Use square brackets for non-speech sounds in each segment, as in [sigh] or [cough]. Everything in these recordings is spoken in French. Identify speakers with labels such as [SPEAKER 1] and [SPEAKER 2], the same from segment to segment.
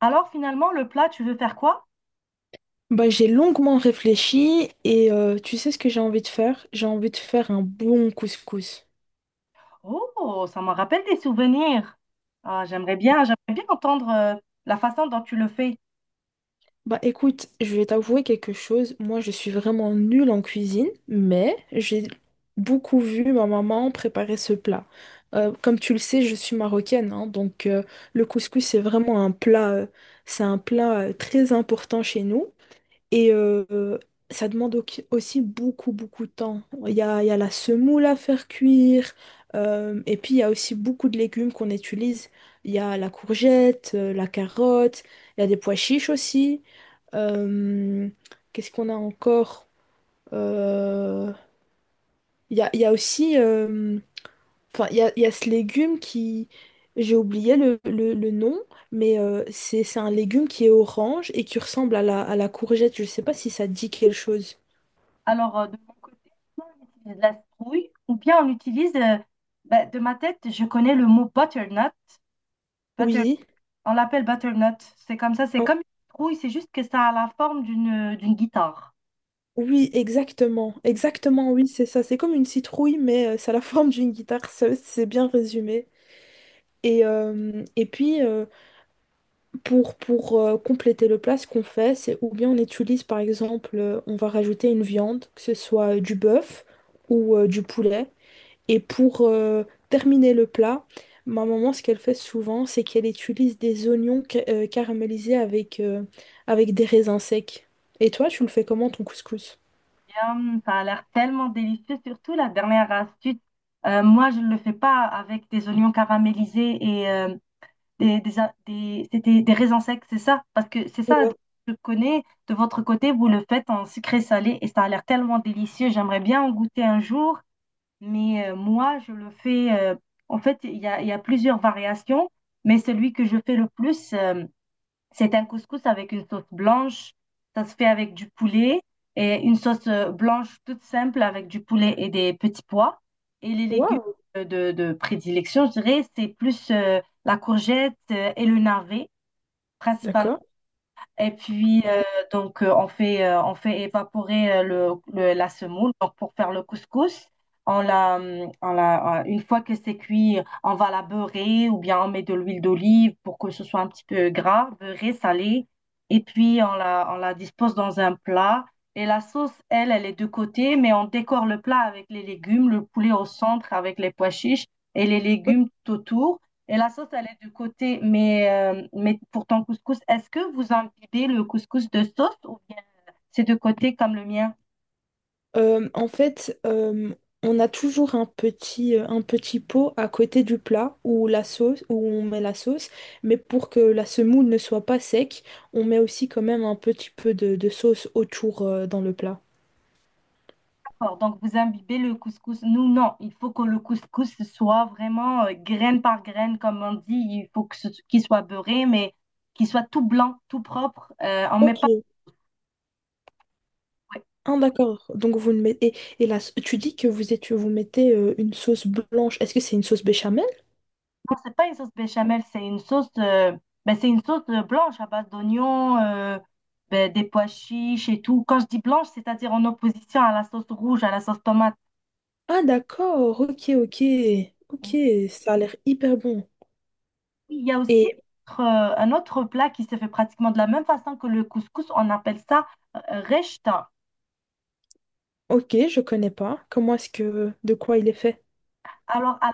[SPEAKER 1] Alors finalement, le plat, tu veux faire quoi?
[SPEAKER 2] Bah, j'ai longuement réfléchi et tu sais ce que j'ai envie de faire? J'ai envie de faire un bon couscous.
[SPEAKER 1] Oh, ça me rappelle des souvenirs. Ah, j'aimerais bien entendre la façon dont tu le fais.
[SPEAKER 2] Bah écoute, je vais t'avouer quelque chose. Moi, je suis vraiment nulle en cuisine, mais j'ai beaucoup vu ma maman préparer ce plat. Comme tu le sais, je suis marocaine, hein, donc le couscous, c'est vraiment c'est un plat très important chez nous. Et euh, Ça demande aussi beaucoup, beaucoup de temps. Il y a la semoule à faire cuire, et puis il y a aussi beaucoup de légumes qu'on utilise. Il y a la courgette, la carotte, il y a des pois chiches aussi. Euh, Qu'est-ce qu'on a encore? Euh, il y a aussi, enfin, il y a ce légume qui, j'ai oublié le nom, mais c'est un légume qui est orange et qui ressemble à la courgette. Je ne sais pas si ça dit quelque chose.
[SPEAKER 1] Alors de mon côté, soit on utilise de la citrouille ou bien on utilise, ben, de ma tête, je connais le mot butternut. Butter-
[SPEAKER 2] Oui.
[SPEAKER 1] on l'appelle butternut. C'est comme ça, c'est
[SPEAKER 2] Oh,
[SPEAKER 1] comme une citrouille, c'est juste que ça a la forme d'une guitare.
[SPEAKER 2] oui, exactement. Exactement, oui, c'est ça. C'est comme une citrouille, mais ça a la [laughs] forme d'une guitare. C'est bien résumé. Et puis, pour compléter le plat, ce qu'on fait, c'est ou bien on utilise, par exemple, on va rajouter une viande, que ce soit du bœuf ou du poulet. Et pour terminer le plat, ma maman, ce qu'elle fait souvent, c'est qu'elle utilise des oignons caramélisés avec des raisins secs. Et toi, tu le fais comment ton couscous?
[SPEAKER 1] Yum, ça a l'air tellement délicieux, surtout la dernière astuce. Moi, je ne le fais pas avec des oignons caramélisés et c'était des raisins secs, c'est ça? Parce que c'est ça, je connais, de votre côté, vous le faites en sucré salé et ça a l'air tellement délicieux. J'aimerais bien en goûter un jour, mais moi, je le fais, en fait, il y a plusieurs variations, mais celui que je fais le plus, c'est un couscous avec une sauce blanche. Ça se fait avec du poulet et une sauce blanche toute simple avec du poulet et des petits pois. Et les légumes
[SPEAKER 2] Waouh,
[SPEAKER 1] de prédilection, je dirais, c'est plus la courgette et le navet, principalement.
[SPEAKER 2] d'accord.
[SPEAKER 1] Et puis, on fait évaporer la semoule. Donc, pour faire le couscous, on la, une fois que c'est cuit, on va la beurrer ou bien on met de l'huile d'olive pour que ce soit un petit peu gras, beurré, salé. Et puis, on la dispose dans un plat. Et la sauce, elle, elle est de côté, mais on décore le plat avec les légumes, le poulet au centre avec les pois chiches et les légumes tout autour. Et la sauce, elle est de côté, mais pour ton couscous, est-ce que vous imbibez le couscous de sauce ou bien c'est de côté comme le mien?
[SPEAKER 2] En fait, on a toujours un petit pot à côté du plat où on met la sauce, mais pour que la semoule ne soit pas sec, on met aussi quand même un petit peu de sauce autour, dans le plat.
[SPEAKER 1] D'accord, donc vous imbibez le couscous. Nous, non, il faut que le couscous soit vraiment graine par graine, comme on dit. Il faut que qu'il soit beurré, mais qu'il soit tout blanc, tout propre. On met pas...
[SPEAKER 2] Ok.
[SPEAKER 1] ouais.
[SPEAKER 2] Ah, d'accord. Donc vous ne mettez. Là, tu dis que vous mettez une sauce blanche. Est-ce que c'est une sauce béchamel?
[SPEAKER 1] Non, c'est pas une sauce béchamel, c'est une sauce, ben, c'est une sauce blanche à base d'oignons, ben, des pois chiches et tout. Quand je dis blanche, c'est-à-dire en opposition à la sauce rouge, à la sauce tomate.
[SPEAKER 2] Ah d'accord. Ok,
[SPEAKER 1] Oui,
[SPEAKER 2] ok. Ça a l'air hyper bon.
[SPEAKER 1] il y a aussi
[SPEAKER 2] Et
[SPEAKER 1] euh, un autre plat qui se fait pratiquement de la même façon que le couscous. On appelle ça rechta.
[SPEAKER 2] ok, je connais pas. Comment est-ce que de quoi il est fait?
[SPEAKER 1] Alors, à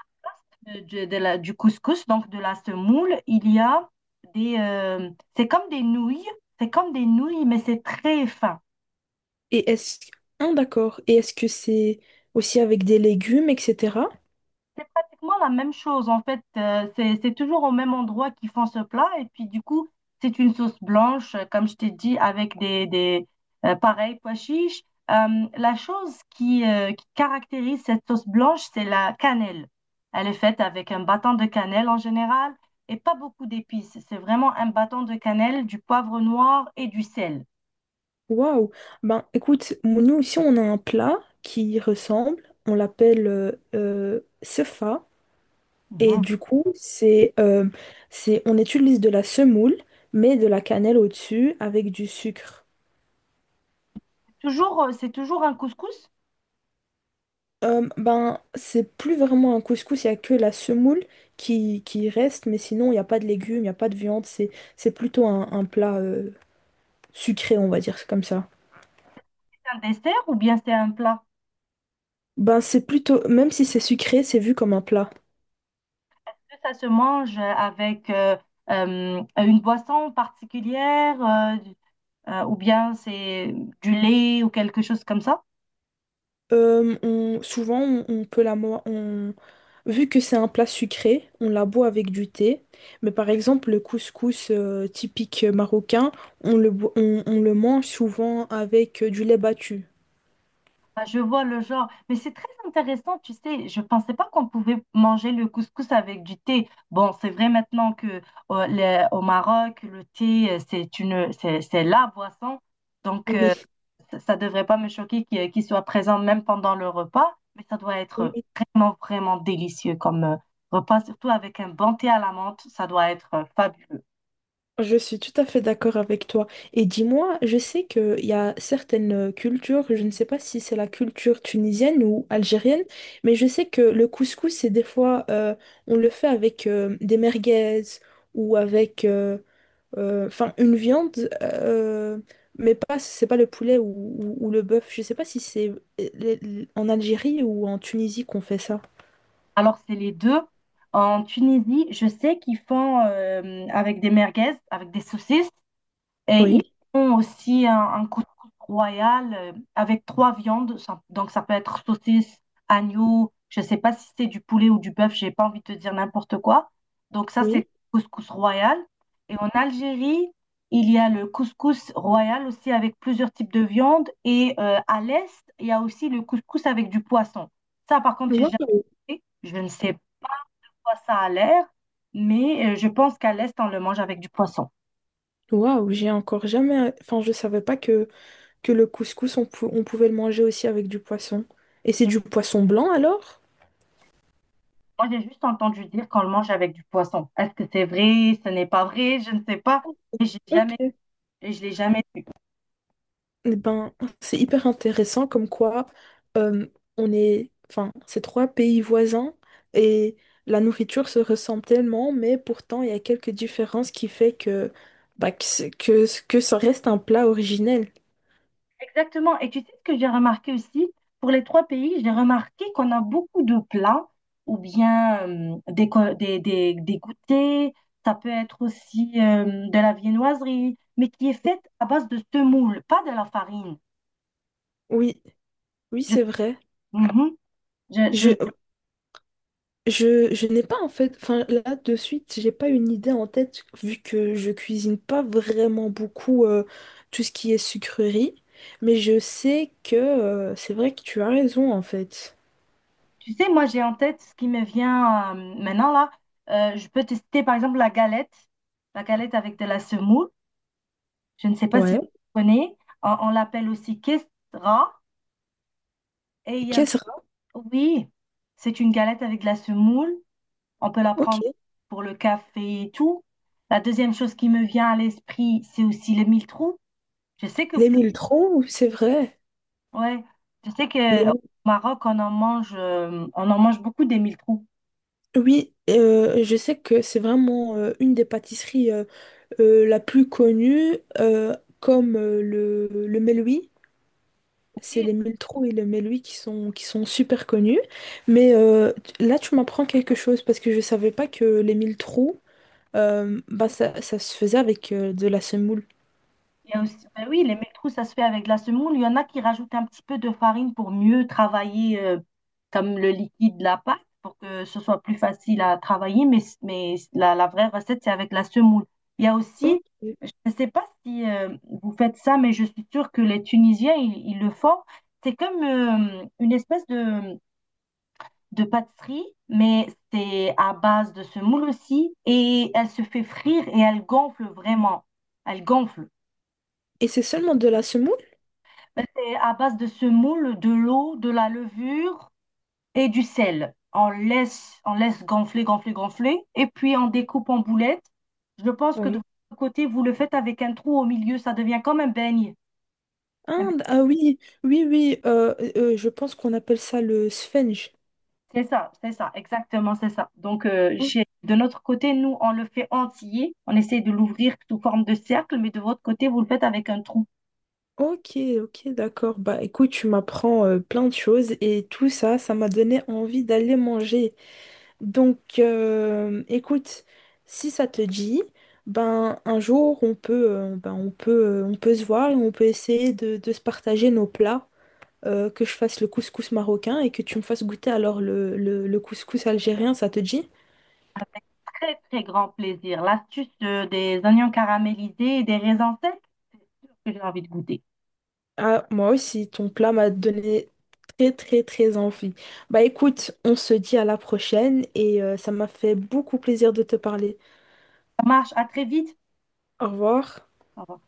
[SPEAKER 1] la de la- du couscous, donc de la semoule, il y a des... c'est comme des nouilles. C'est comme des nouilles, mais c'est très fin.
[SPEAKER 2] Et est-ce ah d'accord. Et est-ce que c'est aussi avec des légumes, etc.
[SPEAKER 1] C'est pratiquement la même chose en fait. C'est toujours au même endroit qu'ils font ce plat. Et puis du coup, c'est une sauce blanche, comme je t'ai dit, avec des pareils pois chiches. La chose qui caractérise cette sauce blanche, c'est la cannelle. Elle est faite avec un bâton de cannelle en général et pas beaucoup d'épices. C'est vraiment un bâton de cannelle, du poivre noir et du sel.
[SPEAKER 2] Waouh! Ben écoute, nous ici on a un plat qui y ressemble, on l'appelle sefa et
[SPEAKER 1] Mhm.
[SPEAKER 2] du coup c'est on utilise de la semoule mais de la cannelle au-dessus avec du sucre.
[SPEAKER 1] Toujours, c'est toujours un couscous,
[SPEAKER 2] Ben c'est plus vraiment un couscous, il n'y a que la semoule qui reste mais sinon il n'y a pas de légumes, il n'y a pas de viande, c'est plutôt un plat sucré on va dire comme ça.
[SPEAKER 1] c'est un dessert ou bien c'est un plat?
[SPEAKER 2] Ben c'est plutôt, même si c'est sucré c'est vu comme un plat.
[SPEAKER 1] Ça se mange avec une boisson particulière ou bien c'est du lait ou quelque chose comme ça?
[SPEAKER 2] Souvent, on peut vu que c'est un plat sucré, on la boit avec du thé. Mais par exemple, le couscous typique marocain, on le mange souvent avec du lait battu.
[SPEAKER 1] Ah, je vois le genre, mais c'est très intéressant, tu sais, je pensais pas qu'on pouvait manger le couscous avec du thé. Bon, c'est vrai maintenant que au Maroc, le thé, c'est la boisson, donc
[SPEAKER 2] Oui.
[SPEAKER 1] ça devrait pas me choquer qu'il soit présent même pendant le repas, mais ça doit être
[SPEAKER 2] Oui,
[SPEAKER 1] vraiment, vraiment délicieux comme repas, surtout avec un bon thé à la menthe, ça doit être fabuleux.
[SPEAKER 2] je suis tout à fait d'accord avec toi. Et dis-moi, je sais qu'il y a certaines cultures, je ne sais pas si c'est la culture tunisienne ou algérienne, mais je sais que le couscous, c'est des fois, on le fait avec des merguez ou avec enfin une viande, mais pas, c'est pas le poulet ou le bœuf. Je sais pas si c'est en Algérie ou en Tunisie qu'on fait ça.
[SPEAKER 1] Alors, c'est les deux. En Tunisie, je sais qu'ils font avec des merguez, avec des saucisses. Et ils
[SPEAKER 2] Oui,
[SPEAKER 1] font aussi un couscous royal avec trois viandes. Ça- donc, ça peut être saucisse, agneau, je ne sais pas si c'est du poulet ou du bœuf, j'ai pas envie de te dire n'importe quoi. Donc, ça, c'est
[SPEAKER 2] oui.
[SPEAKER 1] couscous royal. Et en Algérie, il y a le couscous royal aussi avec plusieurs types de viandes. Et à l'est, il y a aussi le couscous avec du poisson. Ça, par contre, j'ai jamais
[SPEAKER 2] Waouh,
[SPEAKER 1] fait. Je ne sais pas, ça a l'air, mais je pense qu'à l'est, on le mange avec du poisson.
[SPEAKER 2] waouh, j'ai encore jamais. Enfin, je savais pas que, que le couscous, on pouvait le manger aussi avec du poisson. Et c'est du poisson blanc alors?
[SPEAKER 1] Moi, j'ai juste entendu dire qu'on le mange avec du poisson. Est-ce que c'est vrai? Ce n'est pas vrai? Je ne sais pas. Et j'ai jamais,
[SPEAKER 2] Ok.
[SPEAKER 1] et je l'ai jamais.
[SPEAKER 2] Eh ben, c'est hyper intéressant comme quoi euh, on est, enfin, ces trois pays voisins et la nourriture se ressemble tellement, mais pourtant il y a quelques différences qui fait que bah, que ça reste un plat originel.
[SPEAKER 1] Exactement. Et tu sais ce que j'ai remarqué aussi? Pour les trois pays, j'ai remarqué qu'on a beaucoup de plats ou bien des goûters. Ça peut être aussi de la viennoiserie, mais qui est faite à base de semoule, pas de la farine.
[SPEAKER 2] Oui, oui,
[SPEAKER 1] Je,
[SPEAKER 2] c'est vrai.
[SPEAKER 1] mhm. Je, je,
[SPEAKER 2] Je, je n'ai pas en fait, enfin là de suite, j'ai pas une idée en tête vu que je cuisine pas vraiment beaucoup tout ce qui est sucrerie, mais je sais que c'est vrai que tu as raison en fait.
[SPEAKER 1] tu sais, moi, j'ai en tête ce qui me vient maintenant là. Je peux tester par exemple la galette avec de la semoule. Je ne sais pas si tu
[SPEAKER 2] Ouais.
[SPEAKER 1] connais. On l'appelle aussi kestra. Et
[SPEAKER 2] Kesra,
[SPEAKER 1] oui, c'est une galette avec de la semoule. On peut la prendre
[SPEAKER 2] ok.
[SPEAKER 1] pour le café et tout. La deuxième chose qui me vient à l'esprit, c'est aussi le mille-trous. Je sais que,
[SPEAKER 2] Les mille troncs, c'est vrai.
[SPEAKER 1] ouais, je sais
[SPEAKER 2] Les
[SPEAKER 1] que au
[SPEAKER 2] mille.
[SPEAKER 1] Maroc, on en mange beaucoup des mille-trous.
[SPEAKER 2] Oui, je sais que c'est vraiment une des pâtisseries la plus connue, comme le Meloui. C'est les mille troncs et le Meloui qui sont super connus. Mais là, tu m'apprends quelque chose parce que je ne savais pas que les mille troncs, bah, ça se faisait avec de la semoule.
[SPEAKER 1] Il y a aussi, ben oui, les métrous, ça se fait avec de la semoule. Il y en a qui rajoutent un petit peu de farine pour mieux travailler comme le liquide de la pâte, pour que ce soit plus facile à travailler. Mais la vraie recette, c'est avec la semoule. Il y a
[SPEAKER 2] Ok.
[SPEAKER 1] aussi, je ne sais pas si vous faites ça, mais je suis sûre que les Tunisiens, ils le font. C'est comme une espèce de pâtisserie, mais c'est à base de semoule aussi. Et elle se fait frire et elle gonfle vraiment. Elle gonfle.
[SPEAKER 2] Et c'est seulement de la semoule?
[SPEAKER 1] C'est à base de semoule, de l'eau, de la levure et du sel. On laisse gonfler, gonfler, gonfler. Et puis on découpe en boulettes. Je pense que de votre côté, vous le faites avec un trou au milieu. Ça devient comme un beigne. Un beigne.
[SPEAKER 2] Inde, ah oui, oui, oui, je pense qu'on appelle ça le sphenge.
[SPEAKER 1] C'est ça, exactement, c'est ça. Donc,
[SPEAKER 2] O-
[SPEAKER 1] chez, de notre côté, nous, on le fait entier. On essaie de l'ouvrir sous forme de cercle, mais de votre côté, vous le faites avec un trou.
[SPEAKER 2] Ok, ok, d'accord. Bah écoute, tu m'apprends plein de choses et tout ça, ça m'a donné envie d'aller manger. Donc écoute, si ça te dit, ben un jour on peut se voir et on peut essayer de se partager nos plats, que je fasse le couscous marocain et que tu me fasses goûter alors le couscous algérien, ça te dit?
[SPEAKER 1] Très, très grand plaisir. L'astuce des oignons caramélisés et des raisins secs que j'ai envie de goûter.
[SPEAKER 2] Ah, moi aussi, ton plat m'a donné très très très envie. Bah écoute, on se dit à la prochaine et ça m'a fait beaucoup plaisir de te parler.
[SPEAKER 1] Ça marche, à très vite.
[SPEAKER 2] Au revoir.
[SPEAKER 1] Au revoir.